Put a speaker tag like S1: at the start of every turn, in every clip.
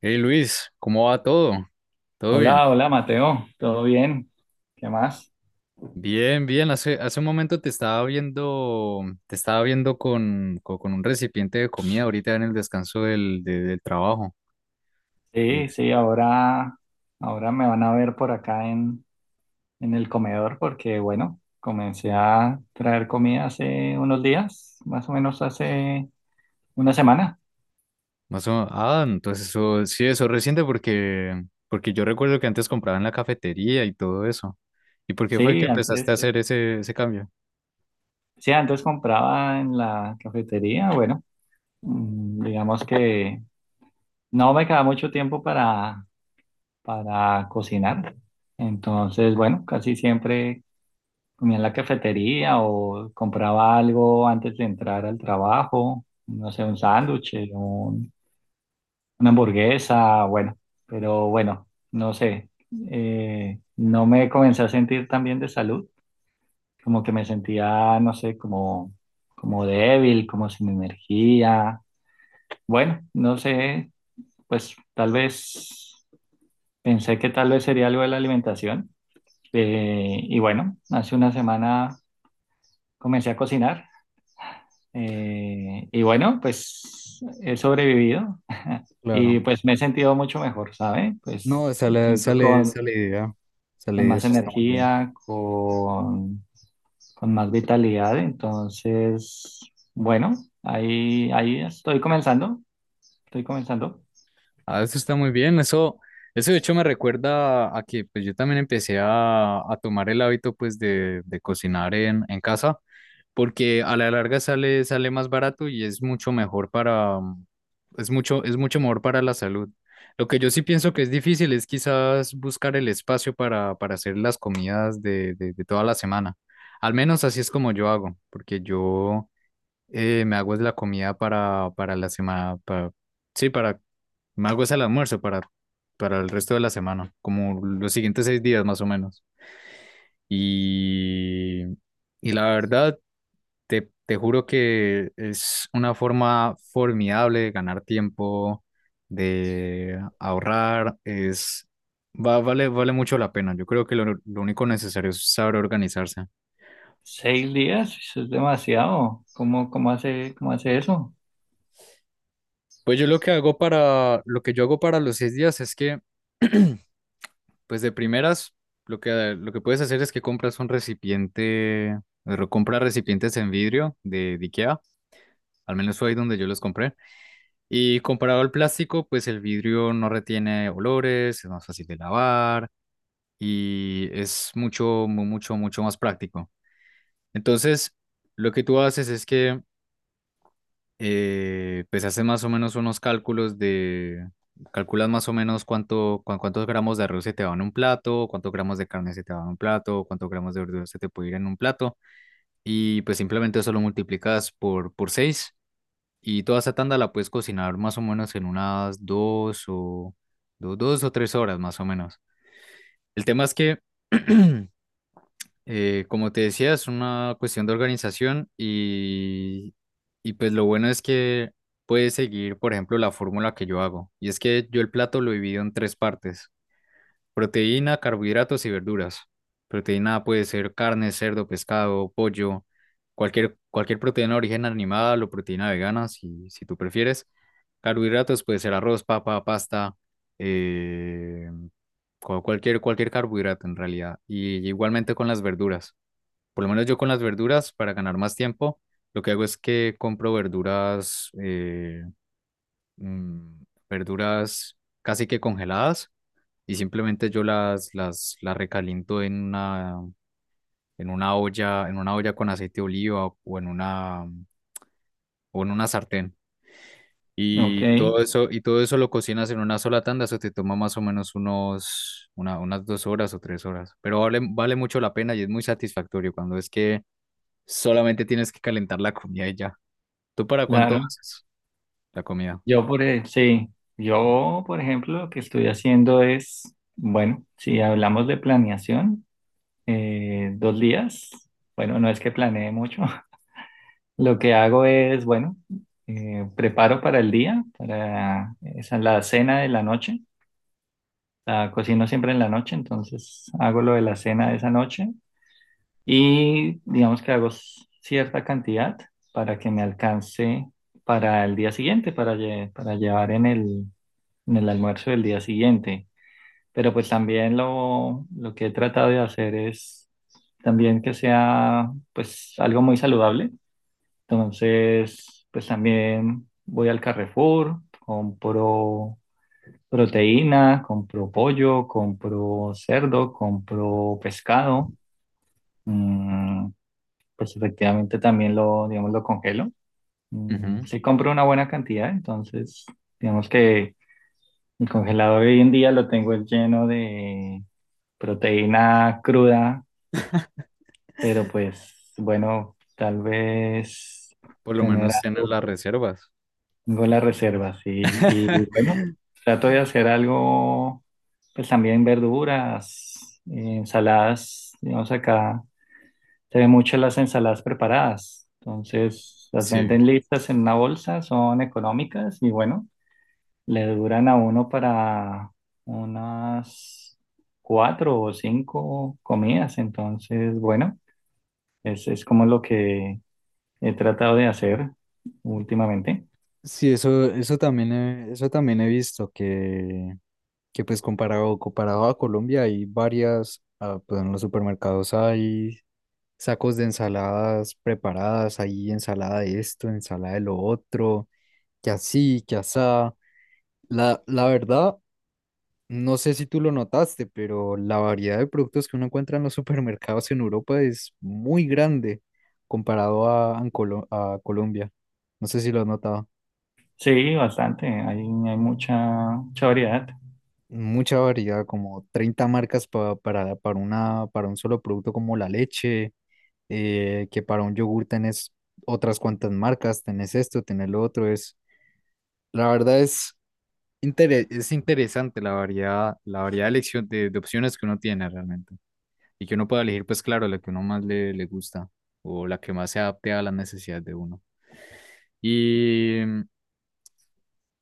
S1: Hey Luis, ¿cómo va todo? ¿Todo bien?
S2: Hola, hola Mateo, ¿todo bien? ¿Qué más?
S1: Bien, bien. Hace un momento te estaba viendo con un recipiente de comida ahorita en el descanso del trabajo. Eh,
S2: Sí, sí, ahora me van a ver por acá en el comedor porque, bueno, comencé a traer comida hace unos días, más o menos hace una semana.
S1: entonces eso, sí, eso es reciente porque yo recuerdo que antes compraba en la cafetería y todo eso. ¿Y por qué fue que
S2: Sí,
S1: empezaste a
S2: antes,
S1: hacer ese cambio?
S2: sí, antes compraba en la cafetería. Bueno, digamos que no me queda mucho tiempo para, cocinar. Entonces, bueno, casi siempre comía en la cafetería o compraba algo antes de entrar al trabajo, no sé, un sándwich, una hamburguesa. Bueno, pero bueno, no sé, no me comencé a sentir tan bien de salud, como que me sentía, no sé, como débil, como sin energía. Bueno, no sé, pues tal vez pensé que tal vez sería algo de la alimentación. Y bueno, hace una semana comencé a cocinar. Y bueno, pues he sobrevivido y
S1: Claro.
S2: pues me he sentido mucho mejor, ¿sabe?
S1: No,
S2: Pues me siento con,
S1: esa la idea. Esa la
S2: con
S1: idea,
S2: más
S1: eso está muy bien.
S2: energía, con más vitalidad. Entonces, bueno, ahí estoy comenzando, estoy comenzando.
S1: Ah, eso está muy bien. Eso de hecho me recuerda a que pues yo también empecé a tomar el hábito pues de cocinar en casa, porque a la larga sale, sale más barato y es mucho mejor para, es mucho mejor para la salud. Lo que yo sí pienso que es difícil es quizás buscar el espacio para hacer las comidas de toda la semana. Al menos así es como yo hago, porque yo me hago es la comida para la semana, para, sí, para, me hago es el almuerzo para el resto de la semana, como los siguientes 6 días más o menos. Y, y la verdad, te juro que es una forma formidable de ganar tiempo, de ahorrar, es, vale mucho la pena. Yo creo que lo único necesario es saber organizarse.
S2: 6 días, eso es demasiado. ¿Cómo hace eso?
S1: Pues yo lo que hago para, lo que yo hago para los 6 días es que pues de primeras, lo que puedes hacer es que compras un recipiente, compra recipientes en vidrio de IKEA, al menos fue ahí donde yo los compré. Y comparado al plástico, pues el vidrio no retiene olores, es más fácil de lavar y es mucho, mucho, mucho más práctico. Entonces, lo que tú haces es que pues haces más o menos unos cálculos de, calculas más o menos cuántos gramos de arroz se te va en un plato, cuántos gramos de carne se te va en un plato, cuántos gramos de verdura se te puede ir en un plato, y pues simplemente eso lo multiplicas por 6 y toda esa tanda la puedes cocinar más o menos en unas 2 o 3 horas más o menos. El tema es que como te decía, es una cuestión de organización y pues lo bueno es que puedes seguir, por ejemplo, la fórmula que yo hago. Y es que yo el plato lo divido en tres partes, proteína, carbohidratos y verduras. Proteína puede ser carne, cerdo, pescado, pollo, cualquier proteína de origen animal o proteína vegana, si, si tú prefieres. Carbohidratos puede ser arroz, papa, pasta, eh, cualquier carbohidrato en realidad. Y igualmente con las verduras. Por lo menos yo con las verduras, para ganar más tiempo, lo que hago es que compro verduras, mm, verduras casi que congeladas y simplemente yo las recaliento en una olla con aceite de oliva o en una sartén.
S2: Ok,
S1: Y todo eso lo cocinas en una sola tanda, eso te toma más o menos unas 2 horas o 3 horas. Pero vale, vale mucho la pena y es muy satisfactorio cuando es que solamente tienes que calentar la comida y ya. ¿Tú para cuánto
S2: claro.
S1: haces la comida?
S2: Sí, yo por ejemplo, lo que estoy haciendo es, bueno, si hablamos de planeación, 2 días. Bueno, no es que planee mucho. Lo que hago es, bueno, preparo para el día, para esa, la cena de la noche. La cocino siempre en la noche, entonces hago lo de la cena de esa noche y digamos que hago cierta cantidad para que me alcance para el día siguiente, para, para llevar en el, almuerzo del día siguiente. Pero pues también lo que he tratado de hacer es también que sea pues algo muy saludable. Entonces, pues también voy al Carrefour, compro proteína, compro pollo, compro cerdo, compro pescado. Mm, pues efectivamente también lo, digamos, lo congelo. Mm,
S1: Ujú.
S2: sí compro una buena cantidad. Entonces digamos que el congelador hoy en día lo tengo lleno de proteína cruda, pero pues bueno, tal vez
S1: Por lo
S2: tener
S1: menos tienes
S2: algo,
S1: las reservas.
S2: tengo las reservas y bueno, trato de hacer algo, pues también verduras, ensaladas. Digamos acá se ven mucho las ensaladas preparadas, entonces las
S1: Sí.
S2: venden listas en una bolsa, son económicas y bueno, le duran a uno para unas cuatro o cinco comidas, entonces bueno. Es como lo que he tratado de hacer últimamente.
S1: Sí, eso, eso también he visto que pues comparado, comparado a Colombia hay varias, ah, pues en los supermercados hay sacos de ensaladas preparadas, hay ensalada de esto, ensalada de lo otro, que así, que asá. La verdad, no sé si tú lo notaste, pero la variedad de productos que uno encuentra en los supermercados en Europa es muy grande comparado a, en a Colombia. No sé si lo has notado.
S2: Sí, bastante. Hay mucha, mucha variedad.
S1: Mucha variedad, como 30 marcas una, para un solo producto como la leche, que para un yogur tenés otras cuantas marcas, tenés esto, tenés lo otro. Es, la verdad es, es interesante la variedad de elección de opciones que uno tiene realmente. Y que uno pueda elegir, pues claro, la que uno más le gusta o la que más se adapte a las necesidades de uno. Y,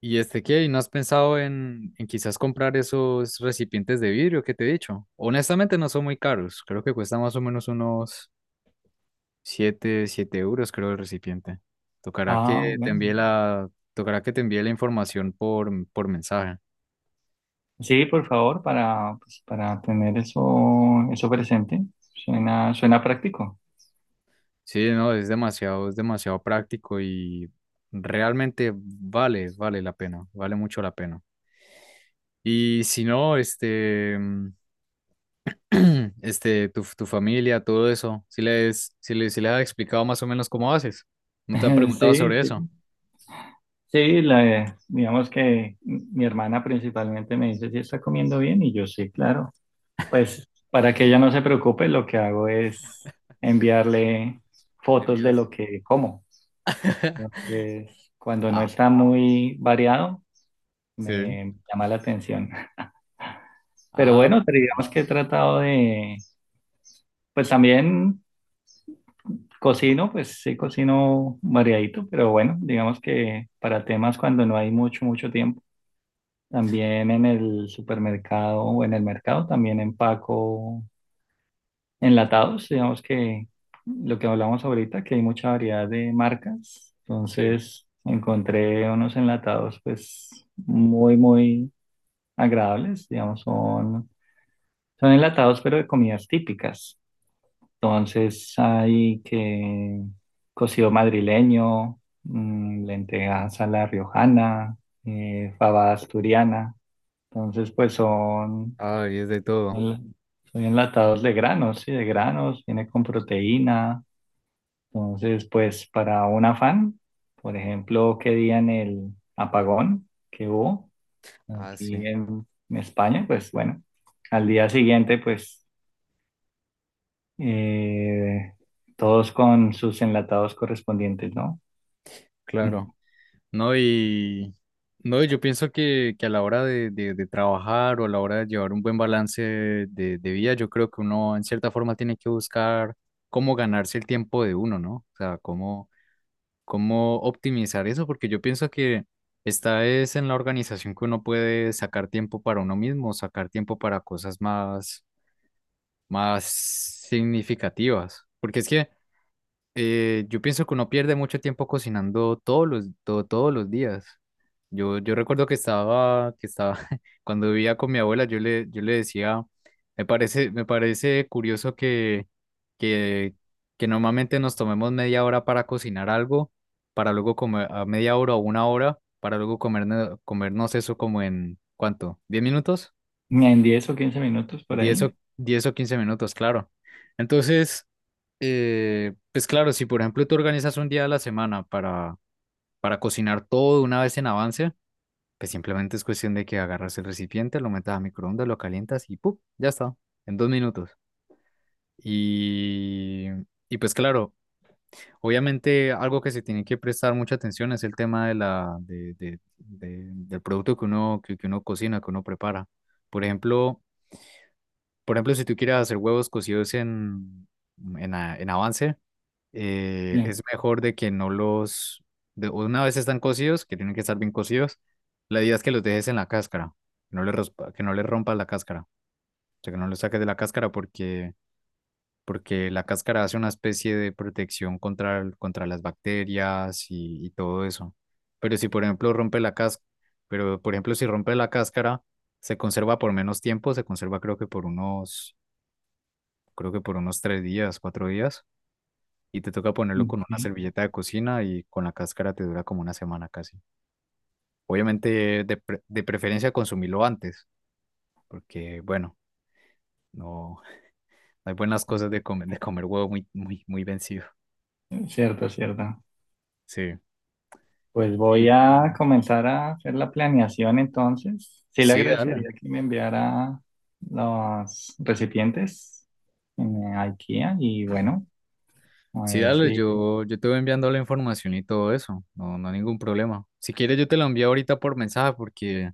S1: y este qué, ¿y ¿no has pensado en quizás comprar esos recipientes de vidrio que te he dicho? Honestamente no son muy caros, creo que cuesta más o menos unos 7 euros, creo, el recipiente. Tocará
S2: Ah,
S1: que te envíe
S2: bueno.
S1: la, tocará que te envíe la información por mensaje.
S2: Sí, por favor, para, pues, para tener eso, eso presente. Suena, suena práctico.
S1: Sí, no, es demasiado práctico y realmente vale mucho la pena. Y si no, tu familia, todo eso, si les has explicado más o menos cómo haces, no te han preguntado
S2: Sí,
S1: sobre eso.
S2: sí. Sí, digamos que mi hermana principalmente me dice si está comiendo bien y yo sí, claro. Pues para que ella no se preocupe, lo que hago es enviarle fotos de lo
S1: Liviazo.
S2: que como. Entonces, cuando no
S1: Ah,
S2: está muy variado,
S1: sí.
S2: me llama la atención. Pero
S1: Ah,
S2: bueno, pero digamos
S1: pero
S2: que he tratado de, pues también cocino, pues sí cocino variadito, pero bueno, digamos que para temas cuando no hay mucho, mucho tiempo. También en el supermercado o en el mercado, también empaco enlatados. Digamos que lo que hablamos ahorita, que hay mucha variedad de marcas.
S1: sí.
S2: Entonces, encontré unos enlatados, pues muy, muy agradables. Digamos, son, enlatados, pero de comidas típicas. Entonces hay que cocido madrileño, mm, lentejas a la riojana, fabada asturiana. Entonces, pues son,
S1: Ay, es de todo.
S2: son enlatados de granos, sí, de granos, viene con proteína. Entonces, pues para un afán, por ejemplo, que día en el apagón que hubo,
S1: Ah, sí,
S2: aquí en España, pues bueno, al día siguiente, pues eh, todos con sus enlatados correspondientes, ¿no?
S1: claro. No, y no, yo pienso que a la hora de trabajar o a la hora de llevar un buen balance de vida, yo creo que uno en cierta forma tiene que buscar cómo ganarse el tiempo de uno, ¿no? O sea, cómo cómo optimizar eso, porque yo pienso que esta es en la organización que uno puede sacar tiempo para uno mismo, sacar tiempo para cosas más, más significativas, porque es que yo pienso que uno pierde mucho tiempo cocinando todos todos los días. Yo recuerdo que estaba, cuando vivía con mi abuela, yo le decía, me parece curioso que, que normalmente nos tomemos media hora para cocinar algo, para luego comer, a media hora o una hora, para luego comernos, comernos eso como en, ¿cuánto? ¿10 minutos?
S2: En 10 o 15 minutos por
S1: Diez
S2: ahí.
S1: o, 10 o 15 minutos, claro. Entonces, pues claro, si por ejemplo tú organizas un día a la semana para cocinar todo una vez en avance, pues simplemente es cuestión de que agarras el recipiente, lo metas a microondas, lo calientas y ¡pum! Ya está, en 2 minutos. Y, y pues claro, obviamente algo que se tiene que prestar mucha atención es el tema de la, de- del producto que uno cocina, que uno prepara. Por ejemplo, por ejemplo, si tú quieres hacer huevos cocidos en avance, es
S2: Sí,
S1: mejor de que no los, una vez están cocidos, que tienen que estar bien cocidos, la idea es que los dejes en la cáscara, que no le, que no le rompas la cáscara, o sea, que no los saques de la cáscara porque, porque la cáscara hace una especie de protección contra, contra las bacterias y todo eso. Pero si, por ejemplo, rompe la cáscara, pero, por ejemplo, si rompe la cáscara, se conserva por menos tiempo, se conserva creo que por unos, creo que por unos 3 días, 4 días y te toca ponerlo con una
S2: ok.
S1: servilleta de cocina y con la cáscara te dura como una semana casi. Obviamente, de preferencia consumirlo antes, porque bueno, no, no hay buenas cosas de comer huevo muy, muy, muy vencido.
S2: Cierto, cierto.
S1: Sí.
S2: Pues voy a
S1: Y
S2: comenzar a hacer la planeación entonces. Sí, le
S1: sí, dale.
S2: agradecería que me enviara los recipientes en IKEA y bueno, a
S1: Sí,
S2: ver
S1: dale,
S2: si...
S1: yo te voy enviando la información y todo eso. No, no hay ningún problema. Si quieres, yo te la envío ahorita por mensaje porque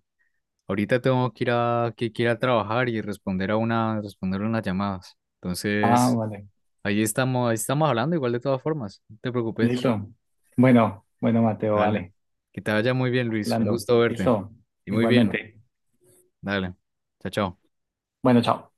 S1: ahorita tengo que ir a, que ir a trabajar y responder a una, responder unas llamadas.
S2: Ah,
S1: Entonces,
S2: vale.
S1: allí estamos, ahí estamos hablando igual de todas formas, no te preocupes.
S2: Listo. Bueno, bueno, Mateo,
S1: Dale.
S2: vale.
S1: Que te vaya muy bien, Luis. Un
S2: Hablando.
S1: gusto verte.
S2: Listo.
S1: Y muy bien.
S2: Igualmente.
S1: Dale. Chao, chao.
S2: Bueno, chao.